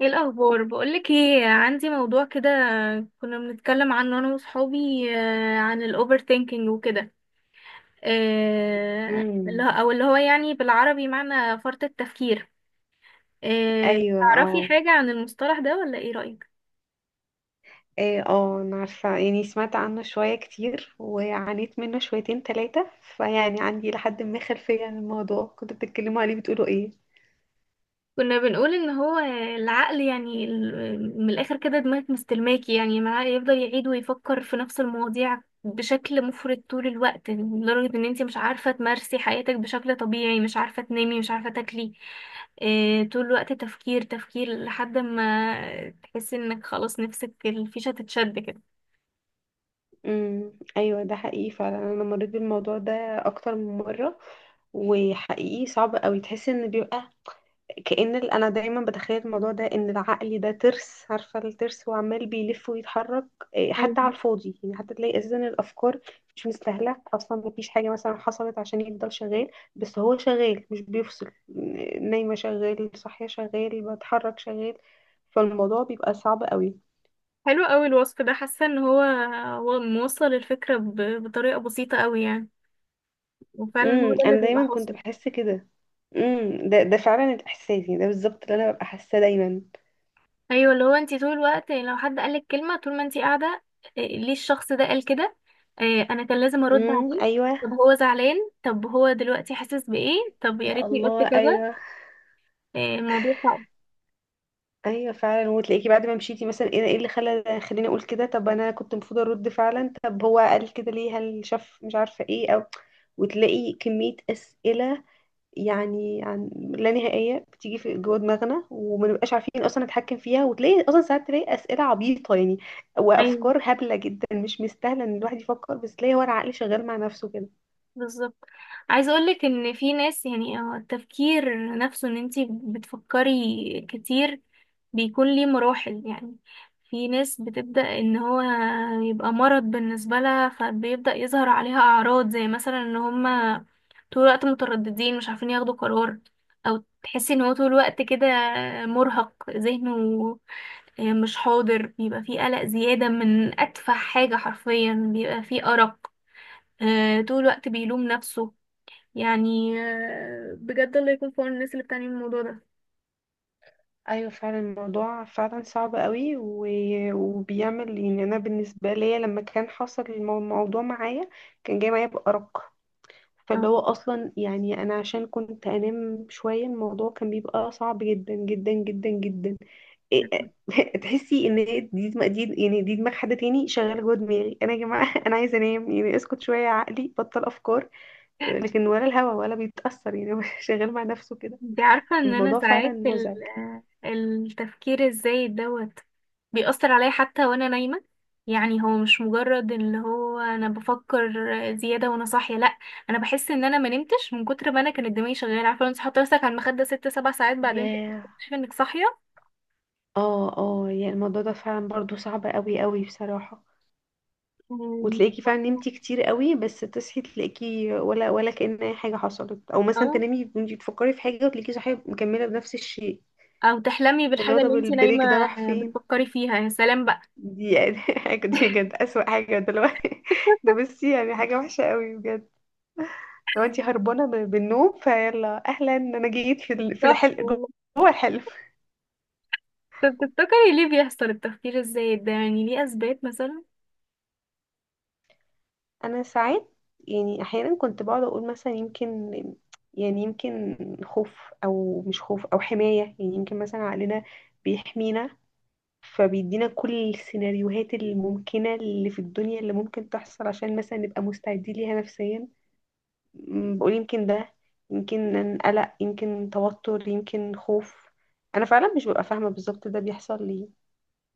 ايه الاخبار؟ بقولك ايه، عندي موضوع كده كنا بنتكلم عنه انا وصحابي. عن الاوفر ثينكينج وكده. امم اللي هو يعني بالعربي معنى فرط التفكير. ايوه، تعرفي اه، حاجة عن المصطلح ده ولا ايه رأيك؟ ايه، اه، انا عارفه، يعني سمعت عنه شويه كتير وعانيت منه شويتين ثلاثه، فيعني عندي لحد ما خلفيه عن الموضوع. كنتوا بتتكلموا عليه بتقولوا ايه؟ كنا بنقول ان هو العقل يعني من الاخر كده دماغك مستلماكي يعني معاه، يفضل يعيد ويفكر في نفس المواضيع بشكل مفرط طول الوقت، لدرجة ان انتي مش عارفة تمارسي حياتك بشكل طبيعي، مش عارفة تنامي، مش عارفة تاكلي. إيه، طول الوقت تفكير تفكير لحد ما تحسي انك خلاص نفسك الفيشة تتشد كده. ايوه، ده حقيقي فعلا. انا مريت بالموضوع ده اكتر من مره. وحقيقي صعب قوي تحس ان بيبقى كأن انا دايما بتخيل الموضوع ده، ان العقل ده ترس، عارفه الترس، وعمال بيلف ويتحرك. إيه، أيوة. حتى على الفاضي يعني، حتى تلاقي اساسا الافكار مش مستاهله اصلا، مفيش حاجه مثلا حصلت عشان يفضل شغال. بس هو شغال مش بيفصل، نايمه شغال، صاحيه شغال، بتحرك شغال. فالموضوع بيبقى صعب قوي. حلو قوي الوصف ده، حاسة ان هو هو موصل الفكرة بطريقة بسيطة قوي يعني. وفعلا هو ده اللي انا بيبقى دايما كنت حاصل. بحس كده. ده فعلا الاحساس، يعني ده بالظبط اللي انا ببقى حاساه دايما. ايوه، اللي هو انت طول الوقت لو حد قالك كلمه طول ما انت قاعده، إيه، ليه الشخص ده قال كده؟ إيه، انا كان لازم ارد عليه. ايوه. طب هو زعلان؟ طب هو دلوقتي حاسس بايه؟ طب يا يا ريتني قلت الله، كذا. ايوه. إيه، الموضوع صعب. ايوه فعلا. وتلاقيكي بعد ما مشيتي مثلا ايه، إيه اللي خليني اقول كده؟ طب انا كنت المفروض ارد فعلا. طب هو قال كده ليه؟ هل شاف، مش عارفه ايه، او... وتلاقي كميه اسئله يعني، عن لا نهائيه بتيجي في جوه دماغنا، وما نبقاش عارفين اصلا نتحكم فيها. وتلاقي اصلا ساعات تلاقي اسئله عبيطه يعني، أيوة. وافكار هبله جدا مش مستاهله ان الواحد يفكر، بس تلاقي هو العقل شغال مع نفسه كده. بالظبط. عايزه اقولك ان في ناس يعني التفكير نفسه، ان انتي بتفكري كتير بيكون ليه مراحل يعني. في ناس بتبدأ ان هو يبقى مرض بالنسبه لها، فبيبدأ يظهر عليها اعراض زي مثلا ان هما طول الوقت مترددين، مش عارفين ياخدوا قرار، او تحسي ان هو طول الوقت كده مرهق ذهنه، مش حاضر، بيبقى فيه قلق زيادة من أتفه حاجة حرفيا، بيبقى فيه أرق. طول الوقت بيلوم نفسه. يعني بجد الله يكون في عون الناس اللي بتعاني من الموضوع ده. ايوه فعلا، الموضوع فعلا صعب قوي وبيعمل يعني، انا بالنسبه ليا لما كان حصل الموضوع معايا، كان جاي معايا بارق. فاللي آه. هو اصلا يعني انا عشان كنت انام شويه، الموضوع كان بيبقى صعب جدا جدا جدا جدا. إيه- تحسي ان هي دي دماغ، دي يعني دي دماغ حد تاني شغاله جوه دماغي انا يا جماعه انا عايزه انام يعني، اسكت شويه يا عقلي، بطل افكار. لكن ولا الهوا ولا بيتاثر يعني هو شغال مع نفسه كده. انت عارفة ان انا فالموضوع فعلا ساعات مزعج. التفكير الزايد دوت بيأثر عليا حتى وانا نايمة. يعني هو مش مجرد اللي هو انا بفكر زيادة وانا صاحية، لا. انا بحس ان انا ما نمتش من كتر ما انا كانت دماغي شغالة. عارفة، لو انت حاطة نفسك على المخدة ست سبع ساعات، بعدين ياه. تكتشفي انك صاحية. اه، اه، يعني الموضوع ده فعلا برضو صعب قوي قوي بصراحة. أمم، وتلاقيكي فعلا نمتي كتير قوي، بس تصحي تلاقيكي ولا كأن اي حاجة حصلت، او مثلا اه. تنامي وانتي بتفكري في حاجة، وتلاقيكي صاحية مكملة بنفس الشيء. او تحلمي اللي هو بالحاجة اللي طب انت نايمة البريك ده راح فين؟ بتفكري فيها. يا سلام بقى. دي يعني حاجة، دي بجد أسوأ حاجة دلوقتي. ده بصي يعني حاجة وحشة قوي بجد. لو انتي هربانة بالنوم، فيلا اهلا، انا جيت في بالظبط. الحلم، جوه الحلم. طب تفتكري ليه بيحصل التفكير الزايد ده؟ يعني ليه أثبات مثلا؟ انا ساعات، يعني احيانا كنت بقعد اقول مثلا يمكن، يعني يمكن خوف او مش خوف او حماية، يعني يمكن مثلا عقلنا بيحمينا، فبيدينا كل السيناريوهات الممكنة اللي في الدنيا اللي ممكن تحصل، عشان مثلا نبقى مستعدين ليها نفسيا. بقول يمكن ده يمكن قلق، يمكن توتر، يمكن خوف. انا فعلا مش ببقى فاهمة بالظبط ده بيحصل ليه.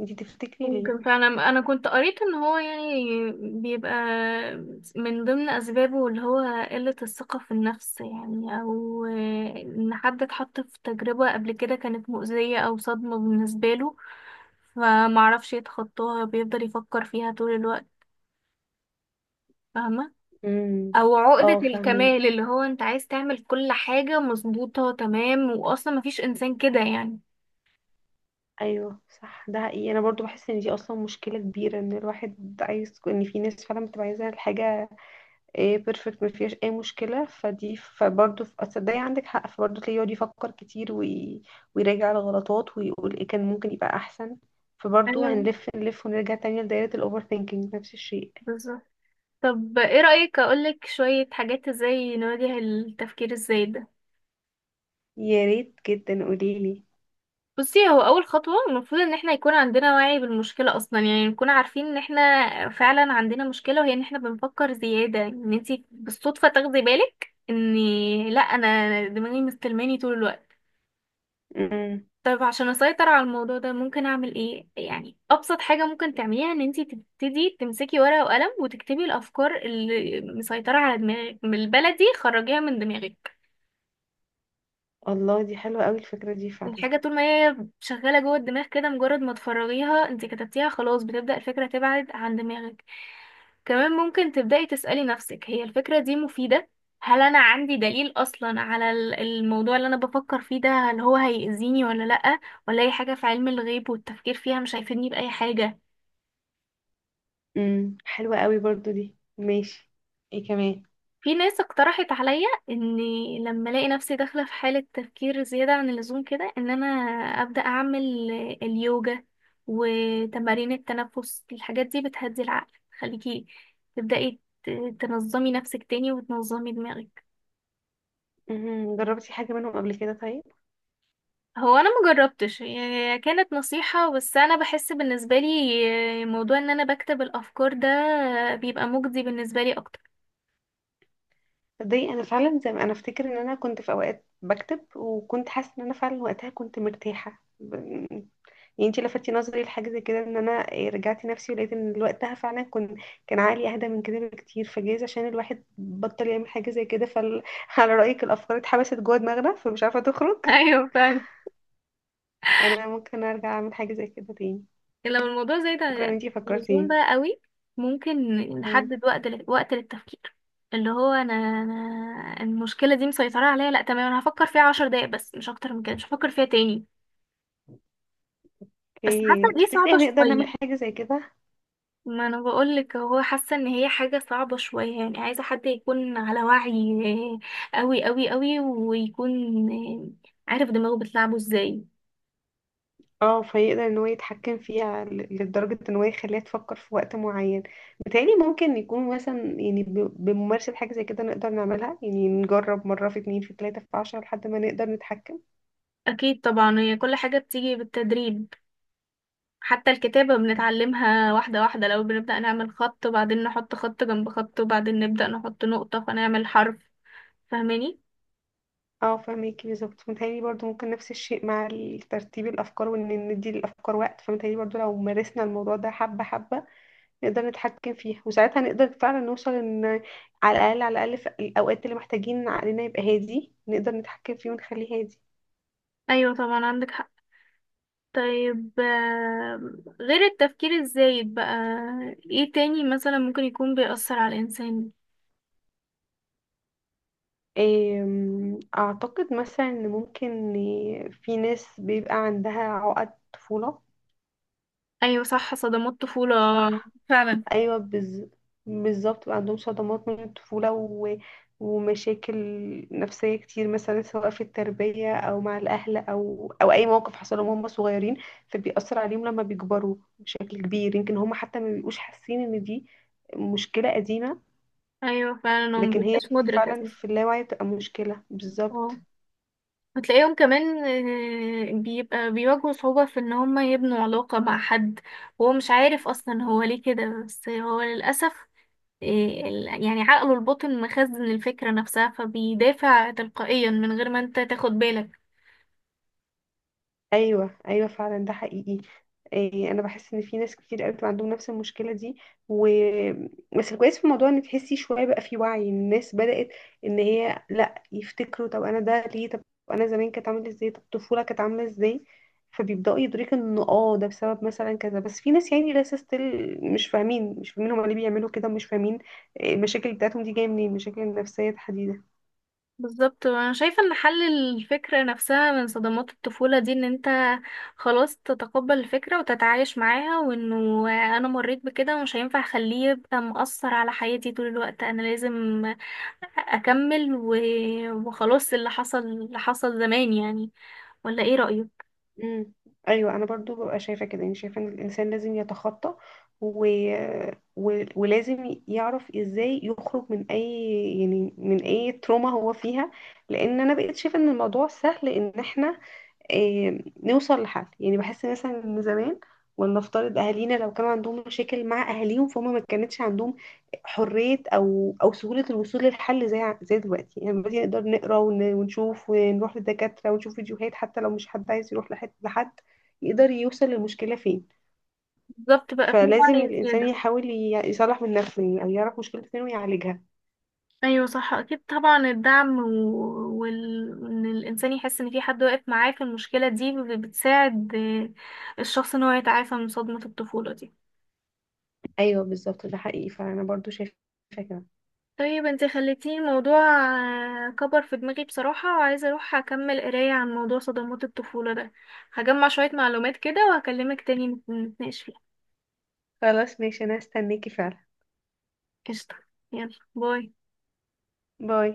انتي تفتكري ممكن ليه؟ فعلا. أنا كنت قريت إن هو يعني بيبقى من ضمن أسبابه اللي هو قلة الثقة في النفس، يعني، أو إن حد اتحط في تجربة قبل كده كانت مؤذية أو صدمة بالنسبة له، فمعرفش يتخطاها، بيفضل يفكر فيها طول الوقت. فاهمة؟ امم أو عقدة اه، فاهمك. الكمال، اللي هو أنت عايز تعمل كل حاجة مظبوطة تمام، وأصلا مفيش إنسان كده يعني. ايوه صح، ده حقيقي. انا برضو بحس ان دي اصلا مشكله كبيره، ان الواحد عايز، ان في ناس فعلا بتبقى عايزه الحاجه ايه بيرفكت ما فيهاش اي مشكله، فدي فبرضو في، تصدقي عندك حق، فبرضو تلاقيه يقعد يفكر كتير ويراجع الغلطات ويقول ايه كان ممكن يبقى احسن. فبرضو ايوه هنلف نلف ونرجع تاني لدايره الاوفر ثينكينج، نفس الشيء. بالظبط. طب ايه رأيك اقولك شوية حاجات ازاي نواجه التفكير الزايد ده؟ يا ريت جدا قوليلي. بصي، هو اول خطوة المفروض ان احنا يكون عندنا وعي بالمشكلة اصلا، يعني نكون عارفين ان احنا فعلا عندنا مشكلة، وهي ان احنا بنفكر زيادة، ان انتي بالصدفة تاخدي بالك ان: لا، انا دماغي مستلماني طول الوقت. امم طيب عشان اسيطر على الموضوع ده ممكن اعمل ايه؟ يعني ابسط حاجة ممكن تعمليها ان انتي تبتدي تمسكي ورقة وقلم وتكتبي الافكار اللي مسيطرة على دماغك. بالبلدي خرجيها من دماغك. الله، دي حلوه قوي الفكره دي فعلا. الحاجة طول ما هي شغالة جوه الدماغ كده، مجرد ما تفرغيها، انت كتبتيها، خلاص بتبدأ الفكرة تبعد عن دماغك. كمان ممكن تبدأي تسألي نفسك: هي الفكرة دي مفيدة؟ هل أنا عندي دليل أصلا على الموضوع اللي أنا بفكر فيه ده؟ هل هو هيأذيني ولا لأ؟ ولا أي حاجة في علم الغيب والتفكير فيها مش هيفيدني بأي حاجة؟ حلوه قوي برضو دي، ماشي. ايه كمان؟ في ناس اقترحت عليا اني لما الاقي نفسي داخله في حاله تفكير زياده عن اللزوم كده، ان انا ابدا اعمل اليوجا وتمارين التنفس. الحاجات دي بتهدي العقل. خليكي تبداي تنظمي نفسك تاني وتنظمي دماغك. جربتي حاجه منهم قبل كده طيب؟ هو انا مجربتش، هي كانت نصيحه بس، انا بحس بالنسبه لي موضوع ان انا بكتب الافكار ده بيبقى مجدي بالنسبه لي اكتر. تصدقي انا فعلا، زي ما انا افتكر ان انا كنت في اوقات بكتب، وكنت حاسه ان انا فعلا وقتها كنت مرتاحه يعني انتي لفتي نظري لحاجه زي كده، ان انا آه، رجعت نفسي ولقيت ان وقتها فعلا كنت، كان عقلي اهدى من كده بكتير. فجايز عشان الواحد بطل يعمل حاجه زي كده، فعلى رايك الافكار اتحبست جوه دماغنا فمش عارفه تخرج. ايوه فعلا. انا ممكن ارجع اعمل حاجه زي كده تاني. لكن لو الموضوع زايد شكرا ان عن انتي اللزوم فكرتيني. بقى قوي، ممكن مم. نحدد وقت وقت للتفكير. اللي هو انا المشكله دي مسيطره عليا، لا تمام، انا هفكر فيها 10 دقايق بس، مش اكتر من كده، مش هفكر فيها تاني. بس حاسه اوكي، دي تفتكري صعبه هنقدر شويه. نعمل حاجه زي كده؟ ما انا بقولك، هو حاسه ان هي حاجه صعبه شويه يعني، عايزه حد يكون على وعي قوي قوي قوي، ويكون عارف دماغه بتلعبه ازاي. اه، فيقدر ان هو يتحكم فيها، لدرجة ان هو يخليها تفكر في وقت معين. بتهيألي ممكن يكون مثلا يعني، بممارسة حاجة زي كده نقدر نعملها، يعني نجرب مرة في اتنين في تلاتة في عشرة لحد ما نقدر نتحكم. اكيد طبعا، هي كل حاجه بتيجي بالتدريب. حتى الكتابة بنتعلمها واحدة واحدة، لو بنبدأ نعمل خط، وبعدين نحط خط جنب خط، وبعدين نبدأ نحط نقطة فنعمل حرف. فاهماني؟ اه، فهميكي بالظبط. متهيألي برضو ممكن نفس الشيء مع ترتيب الأفكار، وإن ندي للأفكار وقت. فمتهيألي برضو لو مارسنا الموضوع ده حبة حبة، نقدر نتحكم فيها، وساعتها نقدر فعلا نوصل إن على الأقل على الأقل في الأوقات اللي محتاجين عقلنا يبقى هادي، نقدر نتحكم فيه ونخليه هادي. أيوة طبعا عندك حق. طيب، غير التفكير الزايد بقى، ايه تاني مثلا ممكن يكون بيأثر على الإنسان؟ أعتقد مثلا إن ممكن في ناس بيبقى عندها عقد طفولة. أيوة صح، صدمات طفولة صح؟ فعلا. أيوة بالظبط بيبقى عندهم صدمات من الطفولة ومشاكل نفسية كتير مثلا، سواء في التربية أو مع الأهل أو أو أي موقف حصل لهم وهم صغيرين، فبيأثر عليهم لما بيكبروا بشكل كبير. يمكن هم حتى ما بيبقوش حاسين إن دي مشكلة قديمة. أيوة فعلا، هو لكن هي مبيبقاش مدرك فعلا أساسا. في اللاوعي بتبقى مشكلة اه. بالظبط. وتلاقيهم كمان بيبقى بيواجهوا صعوبة في ان هما يبنوا علاقة مع حد، وهو مش عارف اصلا هو ليه كده، بس هو للأسف آه، يعني عقله الباطن مخزن الفكرة نفسها، فبيدافع تلقائيا من غير ما انت تاخد بالك. ايوه، ايوه فعلا، ده حقيقي. إيه، انا بحس ان في ناس كتير قوي بتبقى عندهم نفس المشكله دي. و بس الكويس في الموضوع ان تحسي شويه بقى في وعي الناس بدات، ان هي لا، يفتكروا طب انا ده ليه، طب انا زمان كانت عامله ازاي، طب الطفوله كانت عامله ازاي. فبيبداوا يدركوا ان اه ده بسبب مثلا كذا. بس في ناس يعني لسه ستيل مش فاهمين، مش فاهمين هما ليه بيعملوا كده، ومش فاهمين إيه المشاكل بتاعتهم دي جايه منين، المشاكل النفسيه تحديدا. بالظبط. وانا شايفة ان حل الفكرة نفسها من صدمات الطفولة دي ان انت خلاص تتقبل الفكرة وتتعايش معاها، وانه انا مريت بكده ومش هينفع اخليه يبقى مؤثر على حياتي طول الوقت. انا لازم اكمل وخلاص، اللي حصل اللي حصل زمان يعني. ولا ايه رأيك؟ امم ايوه، انا برضو ببقى شايفه كده. يعني شايفه ان الانسان لازم يتخطى، و... ولازم يعرف ازاي يخرج من اي، يعني من اي تروما هو فيها. لان انا بقيت شايفه ان الموضوع سهل، ان احنا إيه نوصل لحل. يعني بحس مثلا ان زمان، ولنفترض اهالينا لو كانوا عندهم مشاكل مع اهاليهم، فهم ما كانتش عندهم حرية او او سهولة الوصول للحل زي زي دلوقتي. يعني دلوقتي نقدر نقرا، ونشوف ونروح للدكاترة ونشوف فيديوهات. حتى لو مش حد عايز يروح لحد، لحد يقدر يوصل للمشكلة فين. بالظبط، بقى في فلازم وعي الانسان زيادة. يحاول يصلح من نفسه يعني، او يعرف مشكلة فين ويعالجها. ايوه صح. اكيد طبعا الدعم وان الانسان يحس ان في حد واقف معاه في المشكلة دي بتساعد الشخص ان هو يتعافى من صدمة الطفولة دي. ايوه بالظبط، ده حقيقي، فانا برضو شايفة كده. طيب انت خليتيني الموضوع كبر في دماغي بصراحة، وعايزة اروح اكمل قراية عن موضوع صدمات الطفولة ده. هجمع شوية معلومات كده وهكلمك تاني نتناقش فيها. خلاص ماشي، انا هستناكي فعلا. قشطة، يلا باي. باي.